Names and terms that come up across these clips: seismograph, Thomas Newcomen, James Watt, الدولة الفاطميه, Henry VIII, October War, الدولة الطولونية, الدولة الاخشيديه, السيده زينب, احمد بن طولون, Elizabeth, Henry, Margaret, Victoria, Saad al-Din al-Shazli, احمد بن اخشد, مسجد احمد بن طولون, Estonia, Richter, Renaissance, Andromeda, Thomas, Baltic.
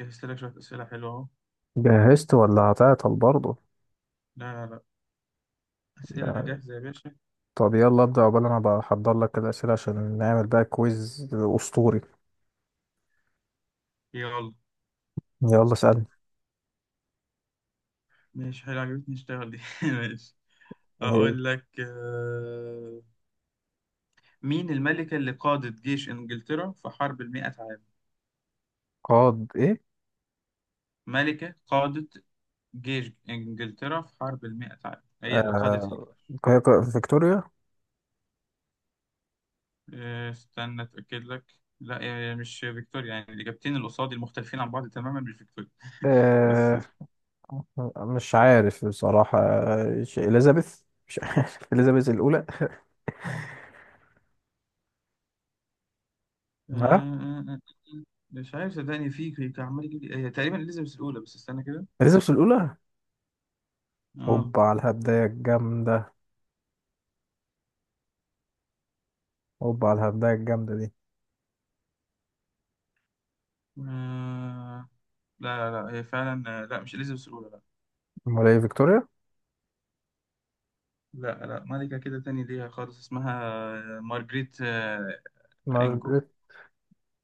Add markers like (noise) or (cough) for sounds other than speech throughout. جهزت لك شوية أسئلة حلوة أهو. جهزت ولا هتعطل برضه؟ لا، أسئلة يعني. جاهزة يا باشا. طب يلا ابدأ، عقبال انا بحضر لك الأسئلة عشان نعمل بقى كويز أسطوري. يلا يلا اسألني. ماشي، حلو، عجبتني اشتغل دي (laughs) ماشي. إيه؟ أقول لك مين الملكة اللي قادت جيش إنجلترا في حرب المئة عام؟ قاد ايه؟ ملكة قادت جيش إنجلترا في حرب المئة عام، هي اللي قادت آه... الجيش. فيكتوريا. استنى أتأكد لك. لا، مش فيكتوريا، يعني الإجابتين اللي قصادي المختلفين عن بعض تماما مش فيكتوريا. (laughs) بس آه... مش عارف بصراحة، إليزابيث. مش عارف (laughs) إليزابيث الأولى. ها. آه، مش عارف صدقني، كان عمال يجيب لي هي تقريبا اليزابيث الاولى، بس استنى كده. إليزابيث الأولى. اه، هوبا على الهبداية الجامدة هوبا على الهبداية الجامدة دي. آه، لا لا لا، هي فعلا لا، مش اليزابيث الاولى. أمال إيه، فيكتوريا؟ لا لا لا، ملكة كده تاني ليها خالص اسمها، مارجريت، انجو. مارجريت.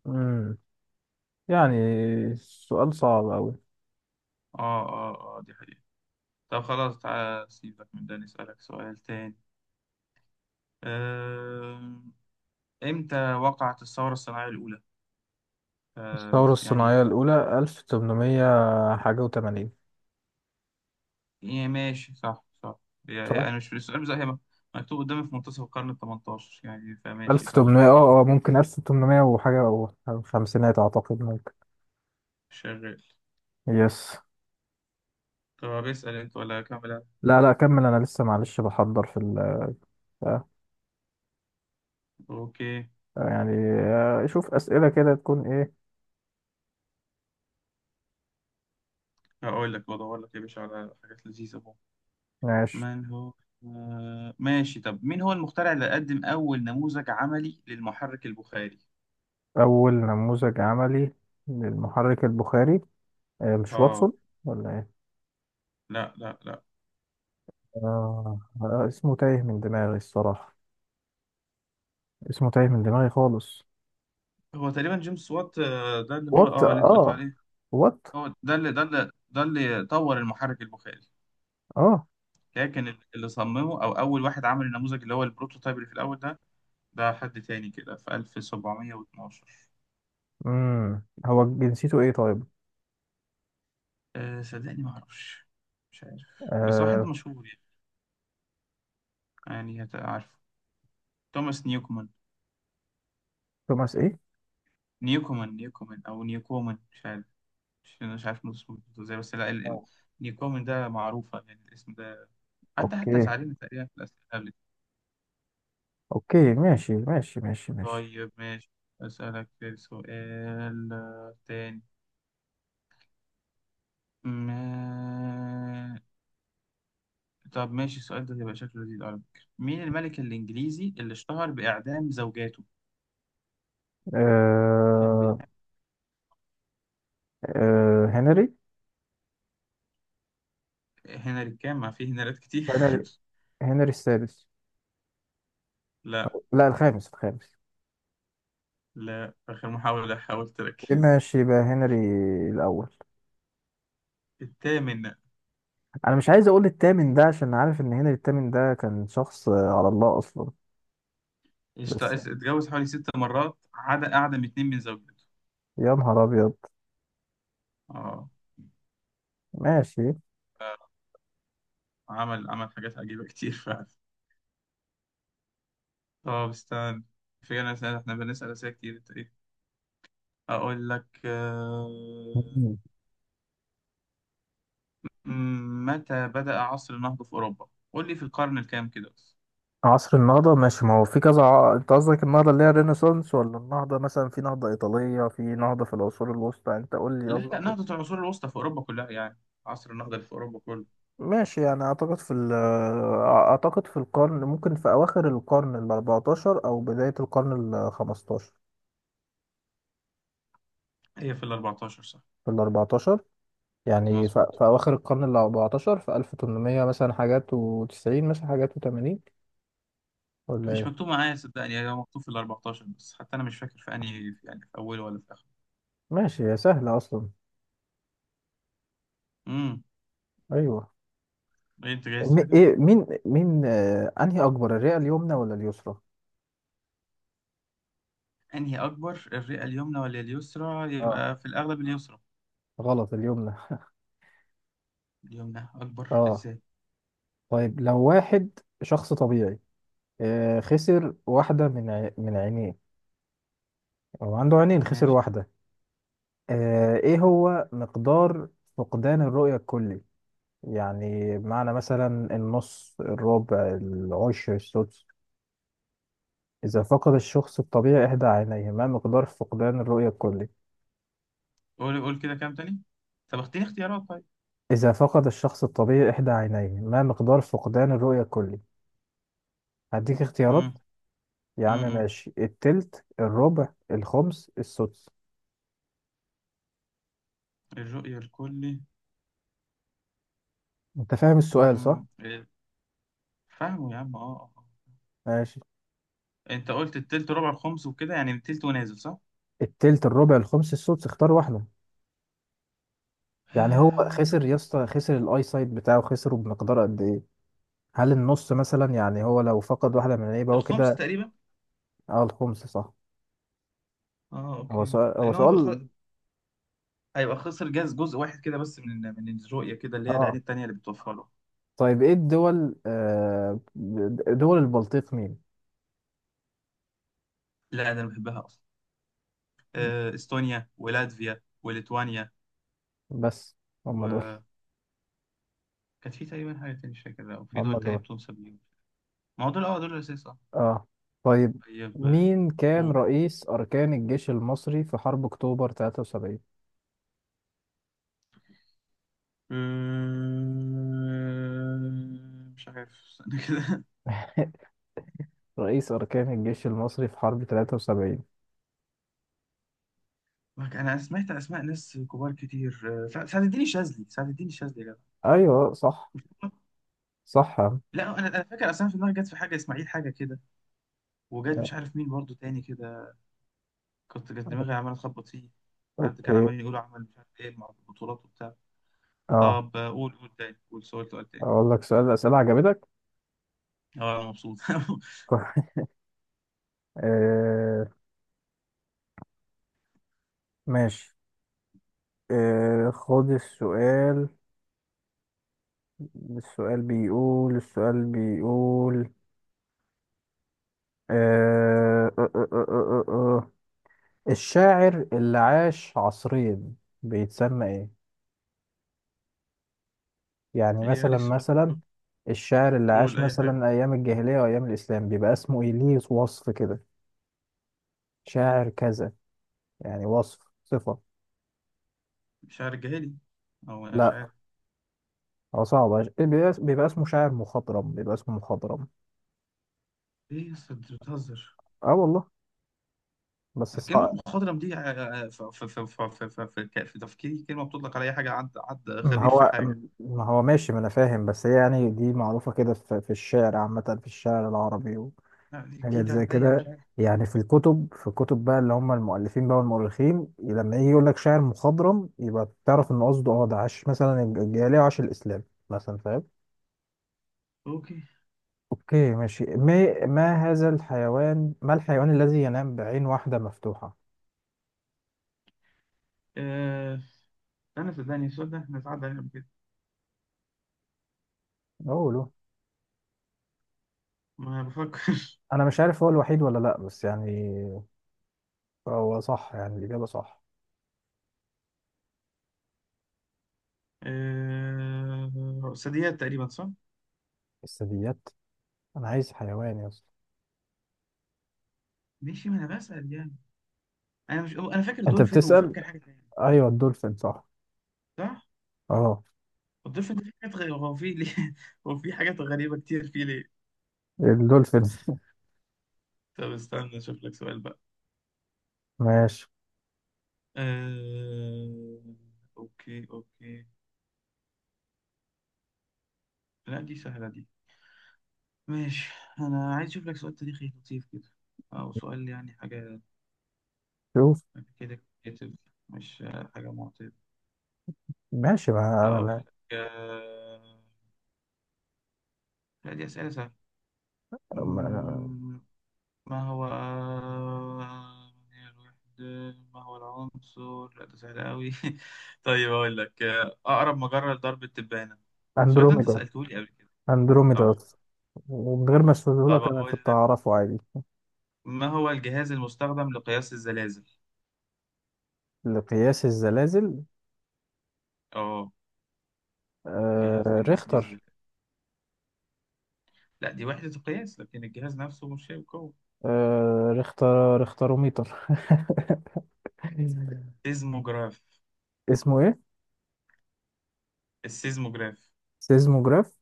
مم. يعني سؤال صعب أوي. اه اه اه، دي حقيقة. طب خلاص، تعالى سيبك من ده، نسألك سؤال تاني. آه، امتى وقعت الثورة الصناعية الأولى؟ آه، الثورة يعني الصناعية الأولى ألف تمنمية حاجة وتمانين. إيه، ماشي صح صح. صح؟ أنا مش في السؤال بس هي مكتوب قدامي في منتصف القرن التمنتاشر، يعني فماشي ألف صح. تمنمية، اه، ممكن ألف تمنمية وحاجة، أو خمسينات أعتقد، ممكن. شغال. يس. طب اسأل أنت ولا أكمل أنا؟ لا، لا كمل أنا لسه، معلش، بحضر في ال آه، أوكي. يعني، شوف أسئلة كده تكون إيه. هقول لك بدور لك يا باشا على حاجات لذيذة بقى. ماشي. من هو؟ آه ماشي، طب مين هو المخترع اللي قدم أول نموذج عملي للمحرك البخاري؟ أول نموذج عملي للمحرك البخاري، مش آه، واتسون ولا إيه؟ لا لا لا. اسمه تايه من دماغي الصراحة، اسمه تايه من دماغي خالص. هو تقريبا جيمس وات، ده اللي هو وات اللي أنت قلت اه. عليه. وات هو ده اللي طور المحرك البخاري. اه. كان اللي صممه او اول واحد عمل النموذج اللي هو البروتوتايب اللي في الاول ده، ده حد تاني كده في 1712. هو جنسيته ايه طيب؟ أه صدقني ما اعرفش، مش عارف، بس واحد آه... مشهور يعني. يعني عارفه، توماس نيوكومان. توماس ايه؟ نيوكومان نيوكومان او نيوكومان، مش عارف. مش عارف نطق اسمه ازاي، بس لا آه. نيوكومان ده معروفة يعني الاسم ده. حتى اوكي، ساعدني تقريبا في الأسئلة قبل كده. اوكي، ماشي، ماشي، ماشي، ماشي. طيب ماشي. أسألك سؤال تاني. ما طب ماشي، السؤال ده هيبقى شكله لذيذ على فكرة. مين الملك الإنجليزي اللي اشتهر بإعدام زوجاته؟ كان بي... آه... هنري. هنري كام؟ ما فيه هنريات كتير. هنري هنري السادس. (laughs) لا. لا، الخامس، الخامس. لا، آخر محاولة، حاول إيه، تركز. ماشي يبقى هنري الاول. الثامن. انا مش عايز اقول التامن ده عشان عارف ان هنري التامن ده كان شخص على الله اصلا. اشت... بس. اتجوز حوالي ست مرات، عدا أعدم اتنين من زوجته. يا نهار ابيض. اه. ماشي. عمل عمل حاجات عجيبة كتير فعلا. طب استنى، في أنا سأل احنا بنسأل أسئلة كتير انت ايه. أقول لك (laughs) متى بدأ عصر النهضة في أوروبا؟ قول لي في القرن الكام كده. عصر النهضة، ماشي، ما هو في كذا، انت قصدك النهضة اللي هي الرينيسانس، ولا النهضة مثلا، في نهضة إيطالية، في نهضة في العصور الوسطى، انت قول لي لا لا، قصدك ايه. نهضة العصور الوسطى في أوروبا كلها يعني، عصر النهضة اللي في أوروبا كله. ماشي، يعني اعتقد في اعتقد في القرن، ممكن في اواخر القرن ال 14 او بداية القرن ال 15. هي في ال 14 صح؟ في ال 14، يعني مظبوط. في اواخر القرن ال 14، في 1800 مثلا حاجات و90 مثلا حاجات و80، ولا مش ايه؟ مكتوب معايا صدقني، هي مكتوب في ال 14 بس حتى أنا مش فاكر في أنهي، في يعني في أوله ولا في آخره. ماشي، يا سهلة اصلا. امم. ايوه. إيه أنت جايز حاجة؟ ايه، مين، انهي اكبر، الرئة اليمنى ولا اليسرى؟ أنهي أكبر، الرئة اليمنى ولا اليسرى؟ آه. يبقى في الأغلب اليسرى. غلط، اليمنى. اليمنى (laughs) أكبر اه. إزاي؟ طيب لو واحد، شخص طبيعي، خسر واحدة من من عينيه، أو عنده عينين خسر ماشي. واحدة، إيه هو مقدار فقدان الرؤية الكلي؟ يعني معنى مثلا النص، الربع، العشر، السدس. إذا فقد الشخص الطبيعي إحدى عينيه ما مقدار فقدان الرؤية الكلي؟ قول قول كده كام تاني. طب اختيني اختيارات طيب. إذا فقد الشخص الطبيعي إحدى عينيه ما مقدار فقدان الرؤية الكلي؟ هديك اختيارات. امم. يا عم امم، ماشي، التلت، الربع، الخمس، السدس. الرؤية الكلي. انت فاهم السؤال صح؟ امم، فاهمه يا عم، اه ماشي، آه. انت قلت التلت ربع الخمس وكده، يعني التلت ونازل، صح؟ التلت، الربع، الخمس، السدس، اختار واحدة. يعني هو آه، خسر يا اسطى، خسر الاي سايت بتاعه، خسره بمقدار قد ايه؟ هل النص مثلا، يعني هو لو فقد واحدة من، يبقى هو الخمس كده. تقريبا. اه، الخمس صح. اه اوكي، هو لان هو سؤال. هيبقى خسر جزء واحد كده بس من من الرؤيه كده اللي هي العيد اه، التانيه اللي بتوفر له. طيب ايه الدول، دول البلطيق مين؟ لا ده انا بحبها اصلا. استونيا ولاتفيا وليتوانيا. بس. هم دول. وكانت في تقريبا حاجه تانية مش فاكر، او في هم دول تانية دول. بتنسب ليهم. ما هو دول اه دول الاساس اه. اه. طيب، طيب مين كان قول. رئيس أركان الجيش المصري في حرب أكتوبر 73؟ مش عارف، استنى كده. (laughs) رئيس أركان الجيش المصري في حرب 73. (laughs) انا سمعت اسماء ناس كبار كتير، سعد الدين الشاذلي، سعد الدين الشاذلي يا جدع. أيوه صح. صح يا عم. لا، انا فاكر اصلا في دماغي جت في حاجه اسماعيل حاجه كده، وجت مش عارف مين برضو تاني كده، كنت جت دماغي عمال اتخبط فيه. حد كان أوكي. عمال يقول عمل مش عارف ايه مع البطولات وبتاع. اه، طب قول قول تاني، قول سؤال سؤال تاني. أقول لك سؤال، أسئلة عجبتك؟ اه انا مبسوط. (laughs) (laughs) آه ماشي. خد السؤال. السؤال بيقول. آه آه آه آه آه آه. آه. الشاعر اللي عاش عصرين بيتسمى إيه؟ يعني هي ليه السؤال مثلا، ده؟ الشاعر اللي عاش قول اي حاجه. مثلا أيام الجاهلية وأيام الإسلام بيبقى اسمه إيه، ليه وصف كده شاعر كذا، يعني وصف صفة. مش عارف جهالي، او انا مش لا، عارف. هو صعب. بيبقى اسمه شاعر مخضرم، بيبقى اسمه مخضرم. ايه يا اسطى انت بتهزر؟ اه والله بس كلمة صعب. مخضرم دي في- تفكيري كلمة بتطلق على أي حاجة، عد ما خبير في هو حاجة. ما هو، ماشي، ما أنا فاهم، بس هي يعني دي معروفة كده في الشعر عامة، في الشعر العربي. لا، دي حاجات زي جديدة عليا، مش كده، عارف. يعني في الكتب بقى اللي هم المؤلفين بقى والمؤرخين، لما يجي يقول لك شاعر مخضرم يبقى تعرف ان قصده، اه ده عاش مثلا الجاهليه وعاش الاسلام مثلا، فاهم. اوكي. اوكي، ماشي، ما هذا الحيوان، ما الحيوان الذي ينام بعين واحده مفتوحه؟ أه... أنا صدقني السؤال ده احنا اتعدى علينا قبل كده، اقوله. ما بفكر. انا مش عارف هو الوحيد ولا لا، بس يعني هو صح يعني الاجابه صح. (laughs) أه... ثدييات تقريبا، صح؟ الثدييات، انا عايز حيوان يا اسطى. ماشي، ما أنا بسأل يعني. أنا مش أنا فاكر انت دولفين، بتسال. وفاكر حاجة تانية. ايوه، الدولفين صح. صح؟ اه، الدولفين ده في حاجات غريبة، هو في ليه؟ (laughs) هو في حاجات غريبة كتير فيه ليه؟ الدولفين. (laughs) طب استنى أشوف لك سؤال بقى. ماشي. أه... أوكي. لا دي سهلة دي. ماشي. أنا عايز أشوف لك سؤال تاريخي لطيف كده، أو سؤال يعني حاجة شوف. كده كده، مش حاجة معتمدة. ماشي، أقول لك لا دي أسئلة سهلة. ما- مم، ما هو هي الوحدة، ما هو العنصر، لا ده سهل أوي. (laughs) طيب أقول لك أقرب مجرة لدرب التبانة. السؤال ده أنت اندروميدا. سألته لي قبل كده. اندروميدا صح. أصلاً. ومن غير ما طب اشرحهولك انا أقول كنت لك، اعرفه عادي. ما هو الجهاز المستخدم لقياس الزلازل؟ لقياس الزلازل. أه، جهاز آه بنقيس بيه ريختر. الزلازل. لا دي وحدة القياس، لكن الجهاز نفسه مش هيبقى قوي. ريختر، ريختروميتر. (laughs) سيزموجراف. اسمه ايه؟ السيزموجراف. سيزموجراف.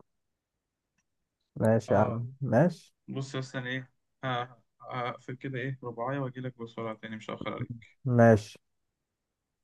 ماشي يا اه. عم، ماشي، بص يا اسطى، أنا ايه، ه- هقفل كده ايه رباعية واجي لك بسرعة تاني، مش هأخر عليك. ماشي.